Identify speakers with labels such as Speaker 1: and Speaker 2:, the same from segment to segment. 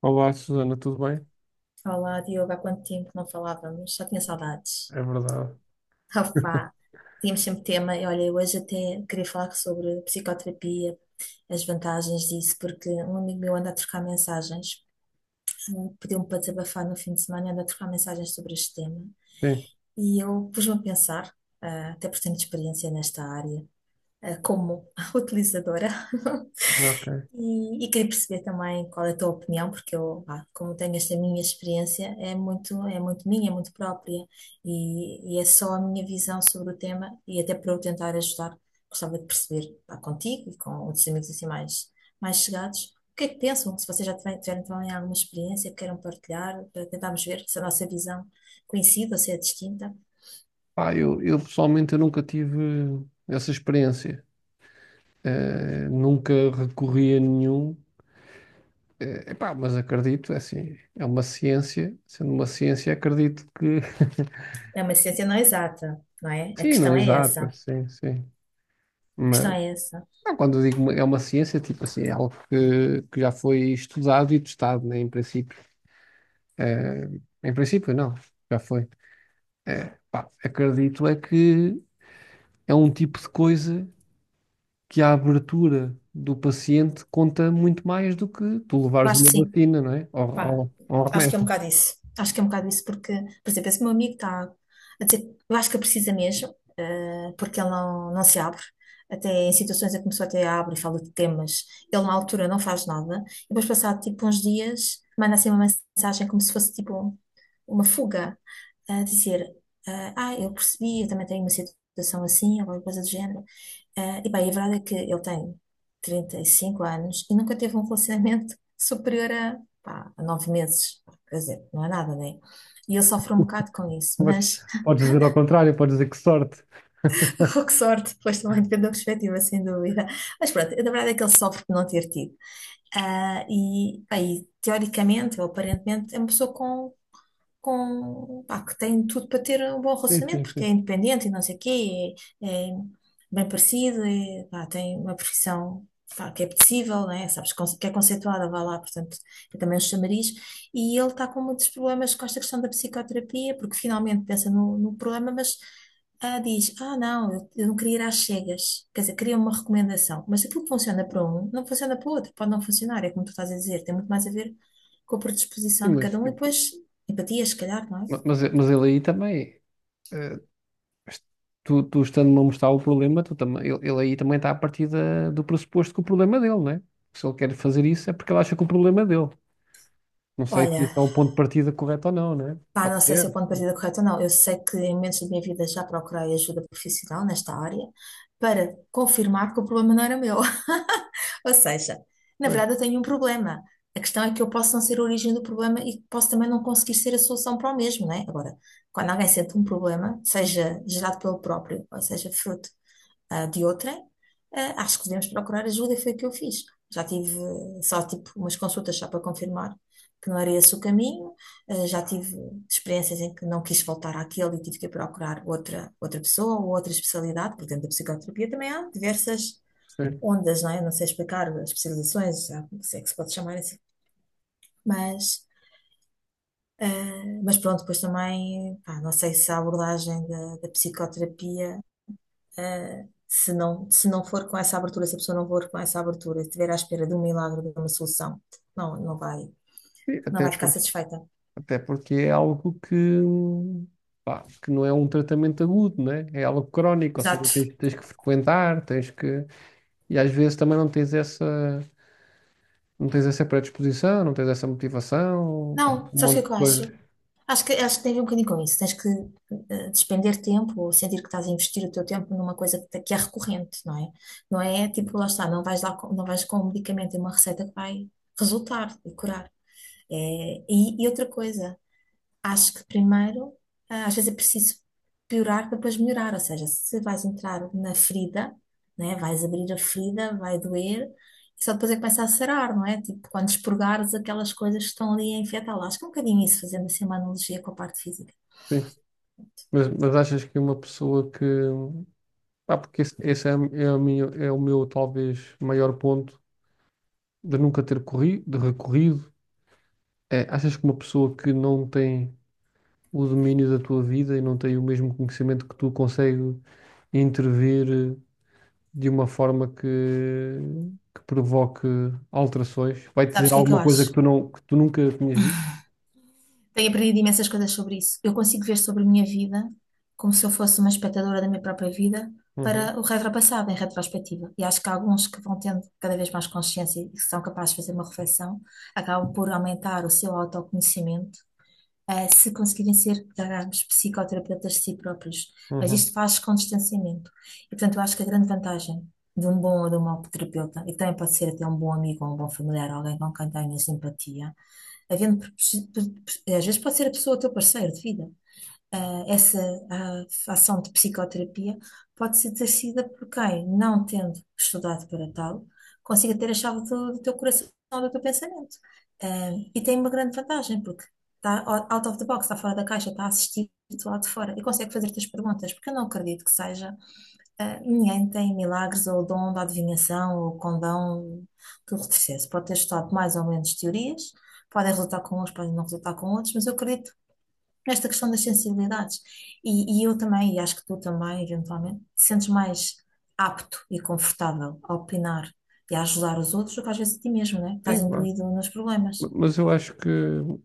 Speaker 1: Olá, Susana, tudo bem?
Speaker 2: Olá, Diogo, há quanto tempo não falávamos? Já tinha saudades.
Speaker 1: É verdade.
Speaker 2: Rafá, tínhamos sempre tema e olha, eu hoje até queria falar sobre psicoterapia, as vantagens disso, porque um amigo meu anda a trocar mensagens, pediu-me para desabafar no fim de semana, anda a trocar mensagens sobre este tema.
Speaker 1: Sim,
Speaker 2: E eu pus-me a pensar, até por tenho experiência nesta área, como utilizadora.
Speaker 1: ok.
Speaker 2: E queria perceber também qual é a tua opinião, porque eu, pá, como tenho esta minha experiência, é muito minha, é muito própria, e é só a minha visão sobre o tema, e até para eu tentar ajudar, gostava de perceber, pá, contigo e com outros amigos assim mais, mais chegados, o que é que pensam, se vocês já tiverem, tiveram também alguma experiência que queiram partilhar, para tentarmos ver se a nossa visão coincide ou se é distinta.
Speaker 1: Eu pessoalmente eu nunca tive essa experiência. Nunca recorri a nenhum. Epá, mas acredito, é assim, é uma ciência. Sendo uma ciência, acredito que.
Speaker 2: É uma ciência não exata, não é? A
Speaker 1: Sim, não
Speaker 2: questão
Speaker 1: é
Speaker 2: é essa,
Speaker 1: exato,
Speaker 2: a
Speaker 1: sim, sim.
Speaker 2: questão
Speaker 1: Mas
Speaker 2: é essa.
Speaker 1: não, quando eu digo é uma ciência, tipo assim, é algo que já foi estudado e testado, né, em princípio. Eh, em princípio, não, já foi. Pá, acredito é que é um tipo de coisa, que a abertura do paciente conta muito mais do que tu
Speaker 2: Eu
Speaker 1: levares
Speaker 2: acho
Speaker 1: uma
Speaker 2: que sim,
Speaker 1: vacina, não é?
Speaker 2: pá.
Speaker 1: Ou um
Speaker 2: Acho que é um
Speaker 1: remédio.
Speaker 2: bocado isso. Acho que é um bocado isso, porque, por exemplo, esse meu amigo está a dizer, eu acho que precisa mesmo, porque ele não, não se abre. Até em situações em que começou até abre e fala de temas. Ele, na altura, não faz nada. E depois, passado tipo uns dias, manda assim uma mensagem como se fosse tipo uma fuga, a dizer: eu percebi, eu também tenho uma situação assim, ou alguma coisa do género. E bem, a verdade é que ele tem 35 anos e nunca teve um relacionamento superior a, pá, a 9 meses. Quer dizer, não é nada, né? E ele sofre um bocado com isso,
Speaker 1: Podes,
Speaker 2: mas
Speaker 1: podes dizer ao contrário, podes dizer que sorte.
Speaker 2: oh, que sorte, pois também depende da perspectiva, sem dúvida. Mas pronto, a verdade é que ele sofre por não ter tido. E bem, teoricamente, ou aparentemente, é uma pessoa com, pá, que tem tudo para ter um bom
Speaker 1: Sim,
Speaker 2: relacionamento,
Speaker 1: sim,
Speaker 2: porque
Speaker 1: sim.
Speaker 2: é independente e não sei o quê, é bem parecido, é, pá, tem uma profissão, pá, que é possível, né? Sabes, que é conceituada, vá lá, portanto, é também um chamariz, e ele está com muitos problemas com esta questão da psicoterapia, porque finalmente pensa no, no problema, mas diz, ah, não, eu não queria ir às cegas, quer dizer, queria uma recomendação, mas aquilo que funciona para um, não funciona para o outro, pode não funcionar, é como tu estás a dizer, tem muito mais a ver com a
Speaker 1: Sim,
Speaker 2: predisposição de cada um e depois empatia, se calhar, não é?
Speaker 1: mas ele aí também, eh, tu, tu estando-me a mostrar o problema, tu também, ele aí também está a partir do pressuposto que o problema é dele, não é? Se ele quer fazer isso é porque ele acha que o problema é dele. Não sei se
Speaker 2: Olha,
Speaker 1: esse é o ponto de partida correto ou não, não é?
Speaker 2: pá,
Speaker 1: Pode
Speaker 2: não sei
Speaker 1: ser,
Speaker 2: se é o ponto de partida correto ou não. Eu sei que em momentos da minha vida já procurei ajuda profissional nesta área para confirmar que o problema não era meu. Ou seja, na
Speaker 1: pois.
Speaker 2: verdade eu tenho um problema. A questão é que eu posso não ser a origem do problema e posso também não conseguir ser a solução para o mesmo, não é? Agora, quando alguém sente um problema, seja gerado pelo próprio, ou seja, fruto de outrem, acho que devemos procurar ajuda, e foi o que eu fiz. Já tive só tipo umas consultas só para confirmar que não era esse o caminho. Ah, já tive experiências em que não quis voltar àquele e tive que procurar outra, outra pessoa ou outra especialidade, porque dentro da psicoterapia também há diversas
Speaker 1: Sim.
Speaker 2: ondas, não é? Não sei explicar as especializações, já não sei que se pode chamar assim, mas... ah, mas pronto, depois também, pá, não sei se a abordagem da, da psicoterapia se não, se não for com essa abertura, se a pessoa não for com essa abertura, se estiver à espera de um milagre, de uma solução, não, não
Speaker 1: Sim,
Speaker 2: não
Speaker 1: até
Speaker 2: vai ficar
Speaker 1: porque
Speaker 2: satisfeita.
Speaker 1: até porque é algo que, pá, que não é um tratamento agudo, né? É algo crónico, ou seja,
Speaker 2: Exato.
Speaker 1: tens, tens que frequentar, tens que. E às vezes também não tens essa, não tens essa predisposição, não tens essa motivação, pá,
Speaker 2: Não,
Speaker 1: um
Speaker 2: sabes o que é
Speaker 1: monte de
Speaker 2: que eu acho?
Speaker 1: coisas.
Speaker 2: Acho que tem a ver um bocadinho com isso. Tens que despender tempo ou sentir que estás a investir o teu tempo numa coisa que, que é recorrente, não é? Não é tipo, lá está, não vais lá, não vais com um medicamento e uma receita que vai resultar e curar. É, e outra coisa. Acho que primeiro, às vezes é preciso piorar para depois melhorar, ou seja, se vais entrar na ferida, né, vais abrir a ferida, vai doer, e só depois é que começa a sarar, não é? Tipo, quando expurgares aquelas coisas que estão ali a infectá-la. Acho que é um bocadinho isso, fazendo assim uma analogia com a parte física.
Speaker 1: Sim. Mas achas que uma pessoa que. Pá, porque esse é, é, a minha, é o meu talvez maior ponto de nunca ter corrido, de recorrido. É, achas que uma pessoa que não tem o domínio da tua vida e não tem o mesmo conhecimento que tu consegue intervir de uma forma que provoque alterações. Vai-te
Speaker 2: Sabes
Speaker 1: dizer
Speaker 2: o que é que eu
Speaker 1: alguma coisa
Speaker 2: acho?
Speaker 1: que tu, não, que tu nunca tinhas visto?
Speaker 2: Tenho aprendido imensas coisas sobre isso. Eu consigo ver sobre a minha vida como se eu fosse uma espectadora da minha própria vida
Speaker 1: Uhum,
Speaker 2: para o retropassado, em retrospectiva. E acho que há alguns que vão tendo cada vez mais consciência e que são capazes de fazer uma reflexão, acabam por aumentar o seu autoconhecimento, se conseguirem ser, digamos, psicoterapeutas de si próprios. Mas
Speaker 1: uhum.
Speaker 2: isto faz com distanciamento. E, portanto, eu acho que a grande vantagem de um bom ou de um mau terapeuta, e que também pode ser até um bom amigo ou um bom familiar, alguém com quem tenhas empatia, havendo, às vezes pode ser a pessoa, o teu parceiro de vida, essa ação de psicoterapia pode ser exercida por quem, não tendo estudado para tal, consiga ter a chave do, do teu coração, do teu pensamento. Ah, e tem uma grande vantagem, porque está out of the box, está fora da caixa, está a assistir-te lá de fora e consegue fazer-te as perguntas, porque eu não acredito que seja. Ninguém tem milagres ou o dom da adivinhação ou o condão do retrocesso. Pode ter estudado mais ou menos teorias, podem resultar com uns, podem não resultar com outros, mas eu acredito esta questão das sensibilidades. E eu também, e acho que tu também, eventualmente, te sentes mais apto e confortável a opinar e a ajudar os outros do que às vezes a ti mesmo, né?
Speaker 1: Sim,
Speaker 2: Estás
Speaker 1: claro.
Speaker 2: imbuído nos problemas.
Speaker 1: Mas eu acho que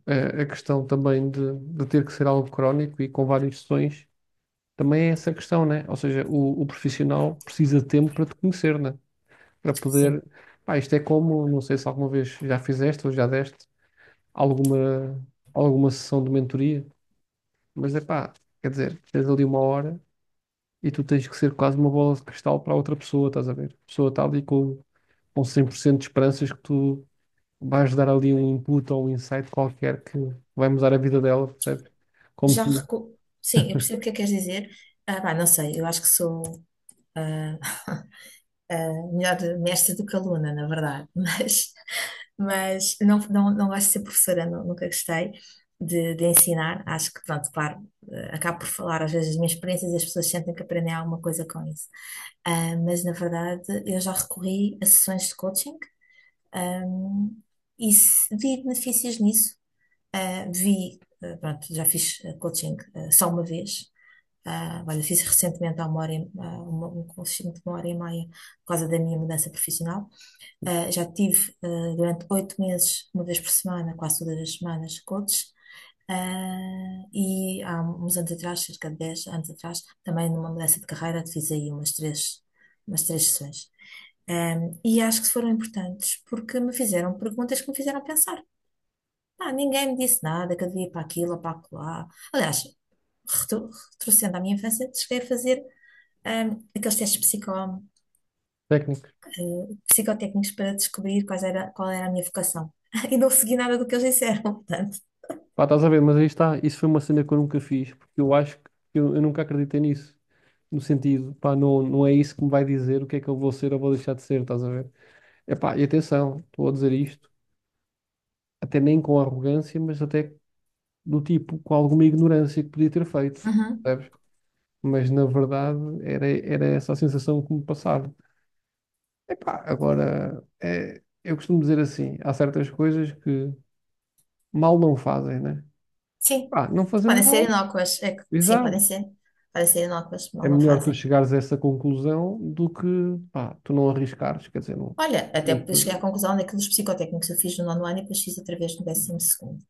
Speaker 1: a questão também de ter que ser algo crónico e com várias sessões também é essa questão, né? Ou seja, o profissional precisa de tempo para te conhecer, né? Para poder.
Speaker 2: Sim.
Speaker 1: Pá, isto é como, não sei se alguma vez já fizeste ou já deste alguma, alguma sessão de mentoria, mas é pá, quer dizer, tens ali uma hora e tu tens que ser quase uma bola de cristal para a outra pessoa, estás a ver? A pessoa está ali com 100% de esperanças que tu vais dar ali um input ou um insight qualquer que vai mudar a vida dela, percebes? Como se
Speaker 2: Já recu... Sim, eu percebo o que é que queres dizer. Ah, pá, não sei, eu acho que sou. ah, melhor mestre do que aluna, na verdade, mas não, não, não gosto de ser professora, nunca gostei de ensinar. Acho que, pronto, claro, acabo por falar às vezes as minhas experiências e as pessoas sentem que aprendem alguma coisa com isso. Ah, mas, na verdade, eu já recorri a sessões de coaching, ahm, e vi benefícios nisso. Ah, vi, pronto, já fiz coaching só uma vez, ah, olha, fiz recentemente há uma hora, um curso de 1 hora e meia por causa da minha mudança profissional. Ah, já tive durante 8 meses, uma vez por semana, quase todas as semanas, coaches. Ah, e há uns anos atrás, cerca de 10 anos atrás, também numa mudança de carreira, fiz aí umas três sessões. Um, e acho que foram importantes porque me fizeram perguntas que me fizeram pensar. Ah, ninguém me disse nada, que eu devia ir para aquilo ou para acolá. Aliás, retro- retrocedendo à minha infância, cheguei a fazer aqueles testes
Speaker 1: técnicos.
Speaker 2: psicotécnicos para descobrir quais era, qual era a minha vocação. E não segui nada do que eles disseram, portanto.
Speaker 1: Pá, estás a ver, mas aí está, isso foi uma cena que eu nunca fiz, porque eu acho que eu nunca acreditei nisso. No sentido, pá, não, não é isso que me vai dizer o que é que eu vou ser ou vou deixar de ser, estás a ver? Epá, e atenção, estou a dizer isto até nem com arrogância, mas até do tipo com alguma ignorância que podia ter feito,
Speaker 2: Uhum.
Speaker 1: percebes? Mas na verdade era, era essa a sensação que me passava. Epá, agora é, eu costumo dizer assim: há certas coisas que mal não fazem, né?
Speaker 2: Sim,
Speaker 1: Pá, não fazendo
Speaker 2: podem ser
Speaker 1: mal,
Speaker 2: inócuas. É que, sim, podem
Speaker 1: exato.
Speaker 2: ser. Podem ser inócuas,
Speaker 1: É
Speaker 2: mal não
Speaker 1: melhor tu
Speaker 2: fazem.
Speaker 1: chegares a essa conclusão do que pá, tu não arriscares, quer dizer, não.
Speaker 2: Olha, até porque cheguei à
Speaker 1: Não.
Speaker 2: conclusão daqueles psicotécnicos que eu fiz no nono ano e depois fiz outra vez no décimo segundo.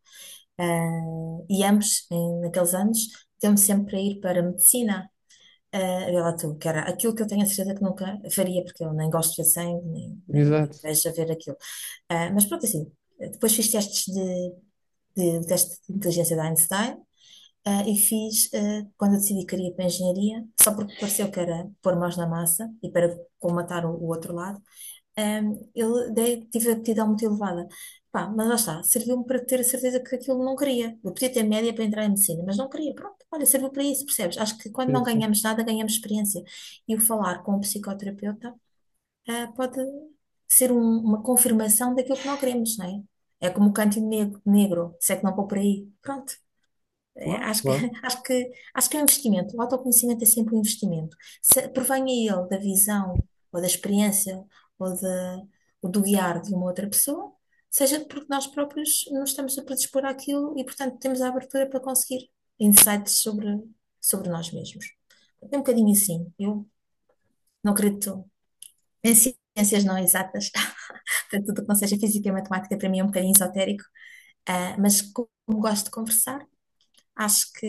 Speaker 2: Ah, e ambos, naqueles anos, deu-me sempre para ir para medicina. Ah, vê lá tu, que era aquilo que eu tenho a certeza que nunca faria, porque eu nem gosto de ver sangue, nem, nem me
Speaker 1: Exato,
Speaker 2: vejo a ver aquilo. Ah, mas pronto, assim, depois fiz testes de um teste de inteligência da Einstein, ah, e fiz, ah, quando eu decidi que queria ir para a engenharia, só porque pareceu que era pôr mãos na massa e para colmatar o outro lado, um, tive a aptidão muito elevada. Pá, mas lá está, serviu-me para ter a certeza que aquilo não queria. Eu podia ter média para entrar em medicina, mas não queria. Pronto, olha, serviu para isso, percebes? Acho que quando não
Speaker 1: sim, sim.
Speaker 2: ganhamos nada, ganhamos experiência. E o falar com um psicoterapeuta, pode ser uma confirmação daquilo que não queremos, não é? É como o canto negro, negro, se é que não vou por aí. Pronto. É,
Speaker 1: Claro,
Speaker 2: acho que,
Speaker 1: claro,
Speaker 2: acho que é um investimento. O autoconhecimento é sempre um investimento. Se provenha ele da visão, ou da experiência, ou, da ou do guiar de uma outra pessoa, seja porque nós próprios nos estamos a predispor àquilo e, portanto, temos a abertura para conseguir insights sobre, sobre nós mesmos. É um bocadinho assim. Eu não acredito em ciências não exatas, portanto, tudo o que não seja física e matemática para mim é um bocadinho esotérico. Ah, mas como gosto de conversar, acho que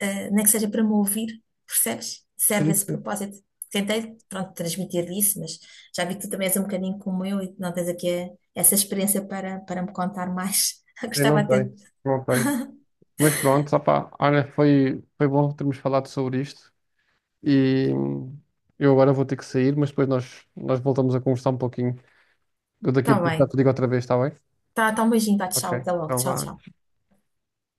Speaker 2: nem que seja para me ouvir, percebes? Serve
Speaker 1: sim,
Speaker 2: esse
Speaker 1: sim.
Speaker 2: propósito. Tentei, pronto, transmitir isso, mas já vi que tu também és um bocadinho como eu e que não tens aqui essa experiência para, para me contar mais.
Speaker 1: Sim,
Speaker 2: Gostava
Speaker 1: não
Speaker 2: até.
Speaker 1: tem, não tem. Mas pronto, opá, olha, foi, foi bom termos falado sobre isto e eu agora vou ter que sair, mas depois nós, nós voltamos a conversar um pouquinho. Eu daqui a
Speaker 2: Está
Speaker 1: pouco já
Speaker 2: bem.
Speaker 1: te digo outra vez, está bem?
Speaker 2: Tá, tá um beijinho, tá,
Speaker 1: Ok,
Speaker 2: tchau, até logo.
Speaker 1: então
Speaker 2: Tchau,
Speaker 1: vá.
Speaker 2: tchau.